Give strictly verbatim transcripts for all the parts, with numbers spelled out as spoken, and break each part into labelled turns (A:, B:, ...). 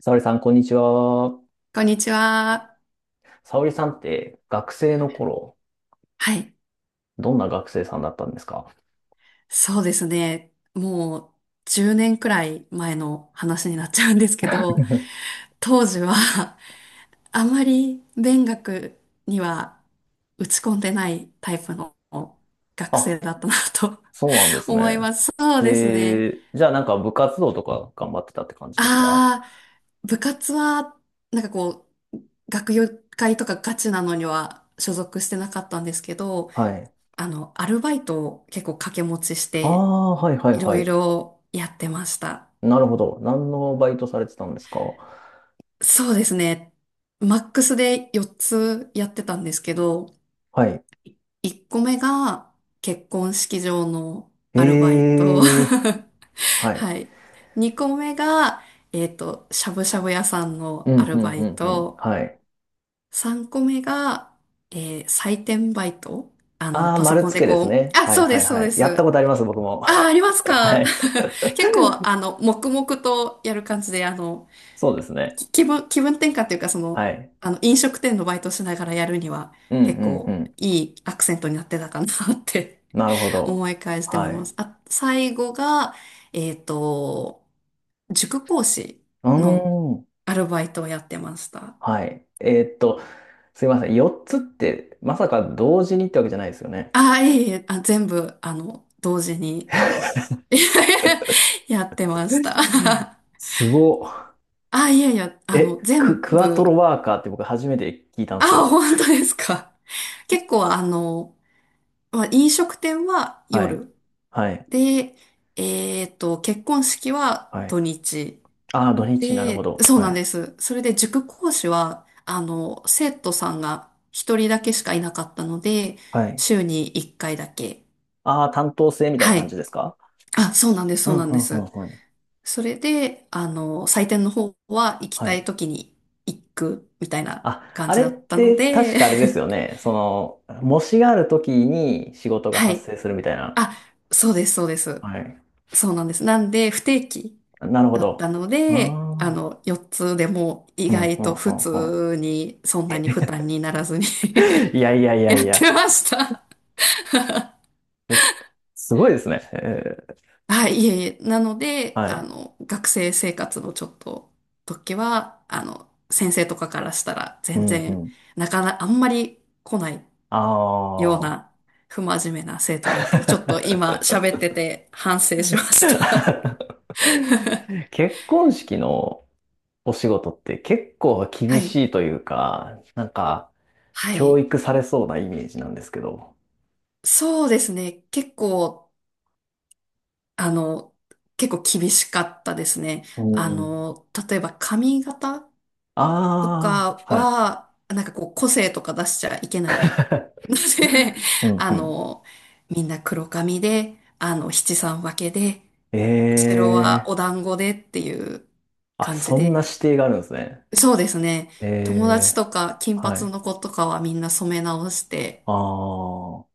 A: 沙織さん、こんにちは。
B: こんにちは。
A: 沙織さんって学生の頃、
B: はい。
A: どんな学生さんだったんですか？
B: そうですね。もうじゅうねんくらい前の話になっちゃうんですけど、当時は あまり勉学には打ち込んでないタイプの学生
A: あ、
B: だったなと
A: そうなんで す
B: 思い
A: ね。
B: ます。そうですね。
A: で、じゃあなんか部活動とか頑張ってたって感じですか？
B: ああ、部活はなんかこう、学友会とかガチなのには所属してなかったんですけど、
A: はい。
B: あの、アルバイトを結構掛け持ちし
A: あ
B: て、
A: あ、はいはい
B: いろ
A: は
B: い
A: い。
B: ろやってました。
A: なるほど。何のバイトされてたんですか？
B: そうですね。マックスでよっつやってたんですけど、
A: はい。
B: いっこめが結婚式場のアルバイ
A: え
B: ト。
A: え、は い。
B: はい。にこめが、えっと、しゃぶしゃぶ屋さん
A: う
B: のア
A: ん、
B: ル
A: うん、
B: バ
A: う
B: イ
A: ん、うん。
B: ト。
A: はい。
B: さんこめが、えー採点バイト。あの、
A: ああ、
B: パソ
A: 丸
B: コン
A: つ
B: で
A: けです
B: こう、
A: ね。
B: あ、
A: はい
B: そう
A: は
B: で
A: い
B: す、そう
A: は
B: で
A: い。やった
B: す。
A: ことあります、僕も。
B: あ、あります
A: は
B: か？
A: い。
B: 結構、あの、黙々とやる感じで、あの、
A: そうですね。
B: 気分、気分転換というか、そ
A: は
B: の、
A: い。
B: あの、飲食店のバイトしながらやるには、
A: うん、う
B: 結構
A: ん、
B: いいアクセントになってたかなって
A: なるほ ど。
B: 思い返して思い
A: は
B: ます。
A: い。
B: あ、最後が、えっと、塾講師
A: うー
B: の
A: ん。
B: アルバイトをやってました。
A: はい。えーっと、すいません。よっつって、まさか同時にってわけじゃないですよね。
B: ああ、いえいえ、あ、全部、あの、同時に やってま
A: う
B: した。
A: ん、 すごっ。
B: あ、いやいや、あの、
A: え、ク、
B: 全
A: クワトロ
B: 部、
A: ワーカーって僕初めて聞いたんですけ
B: あ、
A: ど。
B: 本当ですか。結構、あの、まあ、飲食店は
A: はい。
B: 夜。
A: はい。
B: で、えっと、結婚式は
A: は
B: 土
A: い。
B: 日。
A: ああ、土日、なるほ
B: で、
A: ど。
B: そう
A: は
B: なん
A: い。
B: です。それで塾講師は、あの、生徒さんが一人だけしかいなかったので、
A: はい。
B: 週に一回だけ。
A: ああ、担当制みたいな
B: は
A: 感じ
B: い。
A: ですか？
B: あ、そうなんです、
A: う
B: そう
A: ん
B: なん
A: う
B: で
A: んうん
B: す。
A: うん。
B: それで、あの、採点の方は行き
A: は
B: たい
A: い。
B: 時に行くみたいな
A: あ、
B: 感
A: あ
B: じ
A: れ
B: だ
A: っ
B: ったの
A: て確
B: で、
A: かあれですよ ね。その、模試がある時に仕事が
B: は
A: 発
B: い。
A: 生するみたいな。
B: あ、そうです、そうです。
A: はい。
B: そうなんです。なんで、不定期
A: なるほ
B: だった
A: ど。
B: の
A: あ
B: で、あ
A: あ、
B: の、よっつでも意
A: うん、
B: 外
A: う
B: と
A: ん、う
B: 普
A: ん、うん。
B: 通に、そんなに負担にならずに
A: いやいやい や
B: や
A: い
B: っ
A: や。
B: てました。
A: え、すごいですね。えー、
B: はい、いえいえ。なので、
A: は
B: あ
A: い。
B: の、学生生活のちょっと時は、あの、先生とかからしたら
A: う
B: 全
A: ん、う
B: 然、
A: ん。
B: なかなかあんまり来ない
A: あ
B: よう
A: あ。
B: な不真面目な生徒だったので、ちょっと今喋ってて反省しました。
A: 結婚式のお仕事って結構
B: は
A: 厳
B: い、
A: しいというか、なんか、
B: は
A: 教
B: い。
A: 育されそうなイメージなんですけど。
B: そうですね。結構、あの、結構厳しかったですね。
A: う
B: あ
A: ん、
B: の、例えば髪型と
A: あ
B: か
A: あ、はい。
B: は、なんかこう個性とか出しちゃいけない ので、
A: う ん
B: あ
A: うん。
B: の、みんな黒髪で、あの、七三分けで、後
A: え
B: ろは
A: え、
B: お団子でっていう
A: あ、
B: 感じ
A: そんな
B: で、
A: 指定があるんですね。
B: そうですね。
A: え
B: 友達
A: え、
B: とか金
A: は
B: 髪
A: い。
B: の子とかはみんな染め直して、
A: ああ、は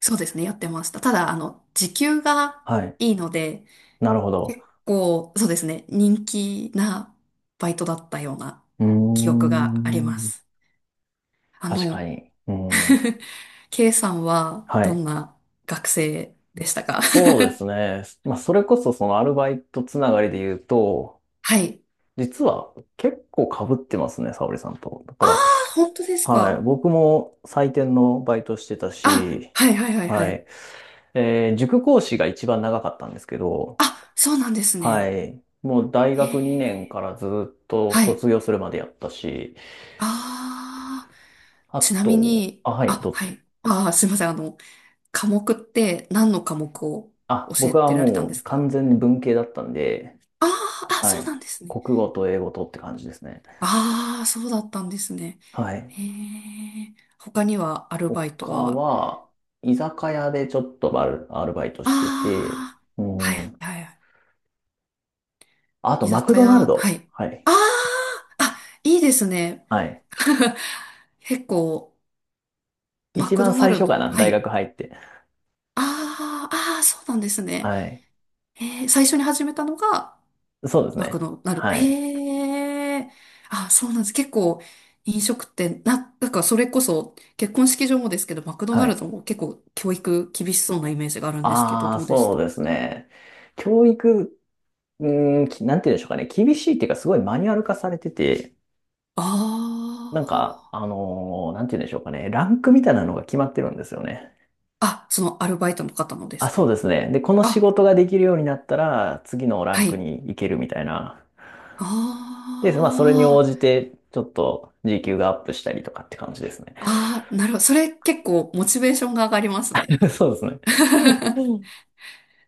B: そうですね、やってました。ただ、あの、時給が
A: い。
B: いいので、
A: なるほど。
B: 結構、そうですね、人気なバイトだったような
A: うー
B: 記憶がありま
A: ん。
B: す。あ
A: 確か
B: の、
A: に。うん。
B: K さんは
A: は
B: ど
A: い。
B: んな学生でしたか？
A: そうですね。まあ、それこそそのアルバイトつながりで言うと、
B: はい。
A: 実は結構被ってますね、沙織さんと。だか
B: あ
A: ら、
B: あ、本当です
A: はい。
B: か。
A: 僕も採点のバイトしてた
B: あ、
A: し、
B: はいはいはいは
A: は
B: い。
A: い。えー塾講師が一番長かったんですけど、
B: あ、そうなんです
A: は
B: ね。
A: い。もう大
B: へ
A: 学にねん
B: え。
A: からずっと
B: はい。
A: 卒業するまでやったし、
B: ああ、
A: あ
B: ちなみ
A: と、
B: に、
A: あ、はい、
B: あ、
A: ど
B: はい。ああ、すいません。あの、科目って何の科目を
A: あ、
B: 教え
A: 僕は
B: てられたんで
A: もう
B: す
A: 完
B: か？
A: 全に文系だったんで、
B: ああー、あ、
A: は
B: そうな
A: い。
B: んですね。
A: 国語と英語とって感じですね。
B: ああ、そうだったんですね。
A: はい。
B: へえ。他にはアルバイト
A: 他
B: は、
A: は、居酒屋でちょっとバル、アルバイト
B: あ
A: してて、
B: あ、
A: う
B: はい、
A: ん。
B: はいはい。
A: あと、
B: 居
A: マク
B: 酒
A: ドナル
B: 屋、は
A: ド。
B: い。
A: はい。
B: ああ、あ、いいですね。
A: はい。
B: 結構、マ
A: 一
B: ク
A: 番
B: ドナ
A: 最
B: ル
A: 初か
B: ド、
A: な、
B: は
A: 大
B: い。
A: 学入って。
B: ああ、ああ、そうなんですね。
A: はい。
B: えー、最初に始めたのが、
A: そうです
B: まあ、こ
A: ね。
B: の、なる。
A: はい。
B: へえ。あ、そうなんです。結構、飲食店、な、なんかそれこそ、結婚式場もですけど、マクドナ
A: は
B: ル
A: い。
B: ドも結構教育厳しそうなイメージがあるんですけど、
A: ああ、
B: どうでし
A: そ
B: た？
A: うですね。教育、うん、きなんて言うんでしょうかね。厳しいっていうか、すごいマニュアル化されてて、
B: あ
A: なんか、
B: あー。
A: あのーなんて言うんでしょうかね。ランクみたいなのが決まってるんですよね。
B: あ、そのアルバイトの方ので
A: あ、
B: す
A: そう
B: か？
A: ですね。で、この仕
B: あ、
A: 事ができるようになったら、次のラ
B: は
A: ンク
B: い。
A: に行けるみたいな。で、まあ、それに応
B: ああ。
A: じて、ちょっと時給がアップしたりとかって感じですね。
B: ああ、なるほど。それ結構モチベーションが上がりますね。
A: そうですね。うん、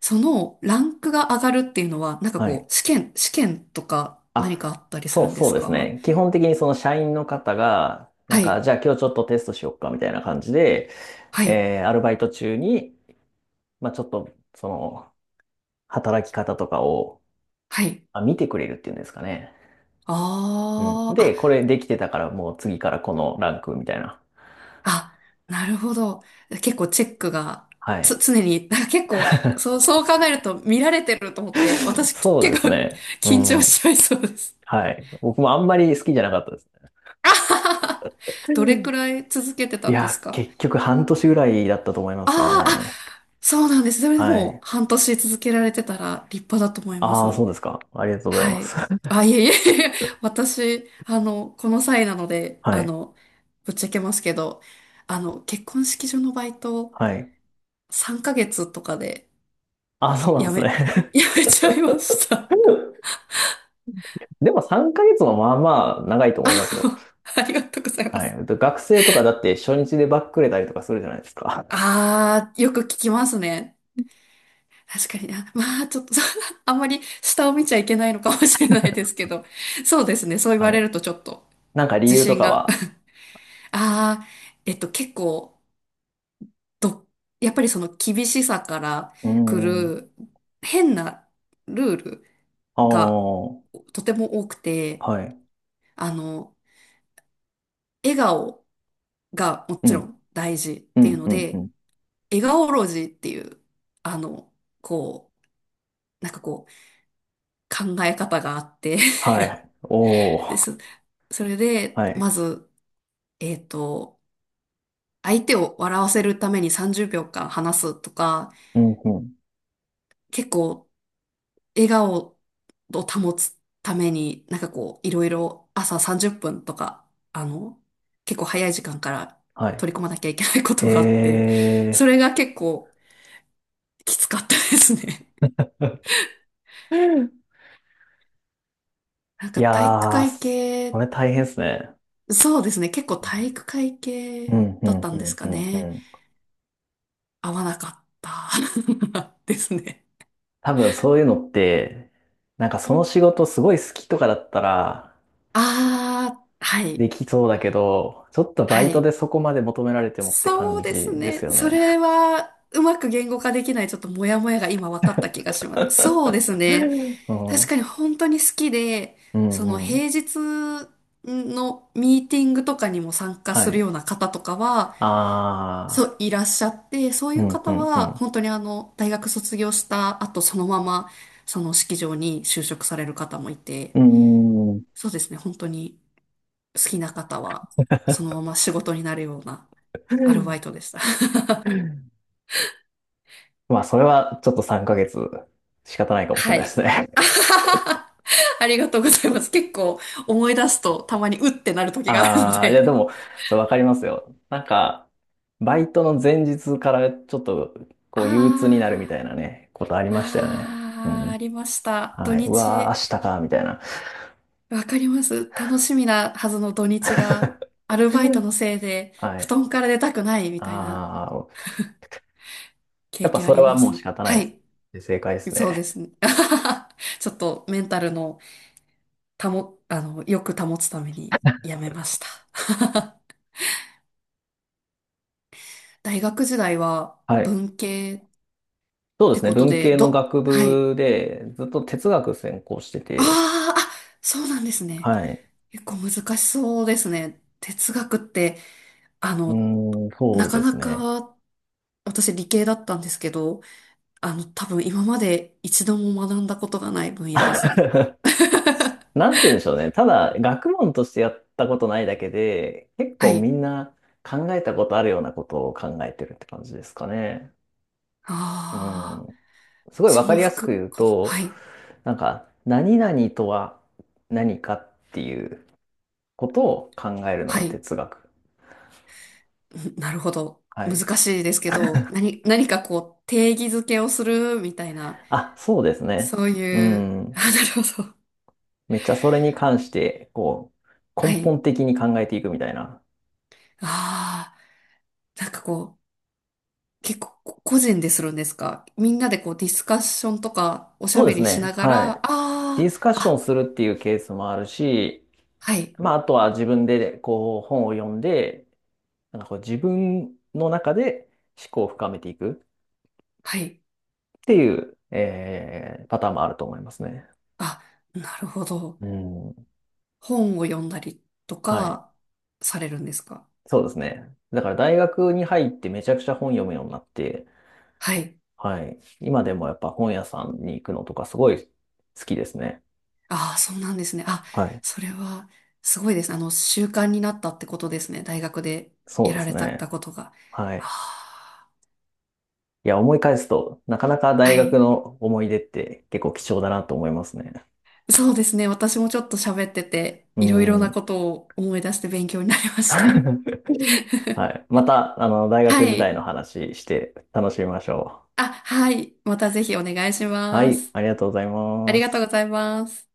B: そのランクが上がるっていうのは、なんか
A: はい。
B: こう、試験、試験とか何
A: あ、
B: かあったりす
A: そう
B: るんで
A: そう
B: す
A: です
B: か？
A: ね。基本的にその社員の方が、な
B: は
A: んか、
B: い。
A: じゃあ今日ちょっとテストしよっかみたいな感じで、
B: はい。
A: えーアルバイト中に、まあ、ちょっと、その、働き方とかを、
B: はい。
A: あ、見てくれるっていうんですかね。うん。
B: あ
A: で、
B: あ、
A: これできてたからもう次からこのランクみたいな。
B: あ、あ、なるほど。結構チェックが、
A: は
B: つ、
A: い。
B: 常に、なんか結構、そう、そう考えると見られてると思って、私
A: そうで
B: 結
A: す
B: 構
A: ね。う
B: 緊張
A: ん。
B: しちゃいそうです。
A: はい。僕もあんまり好きじゃなかったですね。う
B: どれく
A: ん、
B: らい続けてた
A: い
B: んです
A: や、
B: か？
A: 結局半年ぐらいだったと思います
B: ああ
A: ね。
B: あ、そうなんです。それで
A: は
B: も
A: い。
B: う半年続けられてたら立派だと思いま
A: ああ、
B: す。
A: そうですか。ありがとうございま
B: は
A: す。
B: い。あ、いえいえいえ、私、あの、この際なので、
A: は
B: あ
A: い。
B: の、ぶっちゃけますけど、あの、結婚式場のバイト
A: はい。
B: さんかげつとかで
A: ああ、そうなん
B: や
A: です
B: め、
A: ね。
B: やめちゃいました。
A: でもさんかげつもまあまあ長いと
B: あ
A: 思いますよ。
B: の、ありがとうございま
A: は
B: す。
A: い。で学生とかだって初日でバックれたりとかするじゃないですか。
B: あー、よく聞きますね。確かにな。まあ、ちょっと、あんまり下を見ちゃいけないのかもしれないですけど。そうですね。そう言わ
A: は
B: れ
A: い。
B: るとちょっと
A: なんか理
B: 自
A: 由と
B: 信
A: か
B: が。
A: は。
B: あー、えっと、結構、ど、やっぱりその厳しさから
A: うー
B: 来
A: ん。
B: る変なルール
A: あ
B: が
A: あ、
B: とても多くて、
A: はい。
B: あの、笑顔がも
A: う
B: ちろ
A: ん、
B: ん大事っ
A: う
B: ていう
A: ん、
B: の
A: うん、う
B: で、
A: ん。
B: 笑顔ロジーっていう、あの、こう、なんかこう、考え方があって
A: はい。お
B: で、
A: ー。
B: そ、それで、
A: は
B: ま
A: い。
B: ず、えっと、相手を笑わせるためにさんじゅうびょうかん話すとか、
A: うん、うん。
B: 結構、笑顔を保つために、なんかこう、いろいろ朝さんじゅっぷんとか、あの、結構早い時間から
A: はい。
B: 取り込まなきゃいけないことがあって、
A: へ
B: それが結構きつかったですね。
A: え。
B: なん
A: い
B: か体育
A: やー、
B: 会
A: そ
B: 系、
A: れ大変ですね。
B: そうですね。結構体育会
A: う
B: 系
A: ん、う
B: だっ
A: ん、
B: た
A: う
B: んです
A: ん、
B: か
A: うん、
B: ね。
A: うん。
B: 合わなかった ですね。
A: 多分そういうのって、なんかその仕事すごい好きとかだったら
B: ああ、はい、
A: できそうだけど、ちょっとバ
B: は
A: イトで
B: い。
A: そこまで求められてもって感
B: そう
A: じ
B: です
A: です
B: ね。
A: よ
B: そ
A: ね。
B: れは、うまく言語化できないちょっとモヤモヤが今分かった気がし ます。そうですね。
A: うん、
B: 確
A: う
B: かに本当に好きで、
A: ん、
B: その
A: う
B: 平
A: ん。
B: 日のミーティングとかにも参加す
A: は
B: る
A: い。
B: ような方とかは、
A: ああ、
B: そう、いらっしゃって、そうい
A: う
B: う
A: ん、う
B: 方
A: ん、う
B: は、
A: ん。
B: 本当にあの、大学卒業した後、そのまま、その式場に就職される方もいて、
A: うん。
B: そうですね、本当に好きな方は、そのまま仕事になるようなアルバイ トでした。
A: まあ、それはちょっとさんかげつ仕方ないかもしれ
B: は
A: ないで
B: い。
A: すね。
B: ありがとうございます。結構思い出すとたまにうってなる 時があるの
A: ああ、いや、で
B: で。
A: も、そう、わかりますよ。なんか、バイトの前日からちょっと、こう、憂鬱になるみたい
B: あ
A: なね、ことありましたよね。う
B: あ、ああ、
A: ん。
B: ありました。土
A: はい。うわー、
B: 日。
A: 明日か、みたいな。
B: わかります。楽しみなはずの土日が、アル
A: う
B: バイトの
A: ん、
B: せいで、
A: は
B: 布
A: い。
B: 団から出たくないみたいな
A: ああ、や
B: 経
A: っぱ
B: 験あ
A: それ
B: り
A: は
B: ま
A: もう仕
B: す。
A: 方ない
B: は
A: です。
B: い。
A: で正解です
B: そう
A: ね。
B: ですね。ちょっとメンタルの保、あの、よく保つためにやめました。大学時代は
A: はい。
B: 文系っ
A: そうで
B: て
A: すね。
B: こと
A: 文
B: で、
A: 系の
B: ど、
A: 学
B: はい。
A: 部で、ずっと哲学専攻して
B: あ
A: て、
B: ーあ、そうなんですね。
A: はい。
B: 結構難しそうですね。哲学って、あ
A: う
B: の、
A: ーん、そ
B: な
A: う
B: か
A: です
B: な
A: ね。
B: か私理系だったんですけど、あの、多分今まで一度も学んだことがない分野ですね。
A: なんて言うんでしょうね。ただ、学問としてやったことないだけで、結
B: は
A: 構み
B: い。
A: んな考えたことあるようなことを考えてるって感じですかね。う
B: ああ、
A: ん。すごいわ
B: そ
A: か
B: の
A: りやすく
B: 服、
A: 言う
B: こは
A: と、
B: い。
A: なんか、何々とは何かっていうことを考えるの
B: は
A: が
B: い。
A: 哲学。
B: うんなるほど。
A: はい。
B: 難しいですけど、何、何かこう、定義づけをするみたいな、
A: あ、そうですね。
B: そう
A: う
B: いう、あ、
A: ん。
B: なるほど。
A: めっちゃそれに関して、こう、根
B: はい。
A: 本的に考えていくみたいな。
B: ああ、なんかこう、結構こ個人でするんですか？みんなでこう、ディスカッションとか、おし
A: そ
B: ゃ
A: うで
B: べ
A: す
B: りし
A: ね。
B: なが
A: は
B: ら、
A: い。
B: あ
A: デ
B: あ、
A: ィスカッション
B: あ、
A: するっていうケースもあるし、
B: はい、
A: まあ、あとは自分でこう本を読んで、なんかこう自分の中で思考を深めていく
B: はい。
A: っていう、えーパターンもあると思いますね。
B: あ、なるほど。
A: うん。
B: 本を読んだりと
A: はい。
B: かされるんですか？
A: そうですね。だから大学に入ってめちゃくちゃ本読むようになって、
B: はい。
A: はい。今でもやっぱ本屋さんに行くのとかすごい好きですね。
B: ああ、そうなんですね。あ、
A: はい。
B: それはすごいですね。あの、習慣になったってことですね。大学で
A: そう
B: や
A: で
B: ら
A: す
B: れた
A: ね。
B: ことが。
A: はい。
B: あ
A: いや、思い返すと、なかなか
B: あ、
A: 大
B: は
A: 学
B: い。
A: の思い出って結構貴重だなと思いますね。
B: そうですね。私もちょっと喋ってて、
A: う
B: いろいろな
A: ん。
B: ことを思い出して勉強になりました。
A: は い。また、あの、大学
B: は
A: 時代
B: い。
A: の話して楽しみましょ
B: あ、はい。またぜひお願いし
A: う。は
B: ま
A: い。
B: す。
A: ありがとうござい
B: あり
A: ま
B: がとうご
A: す。
B: ざいます。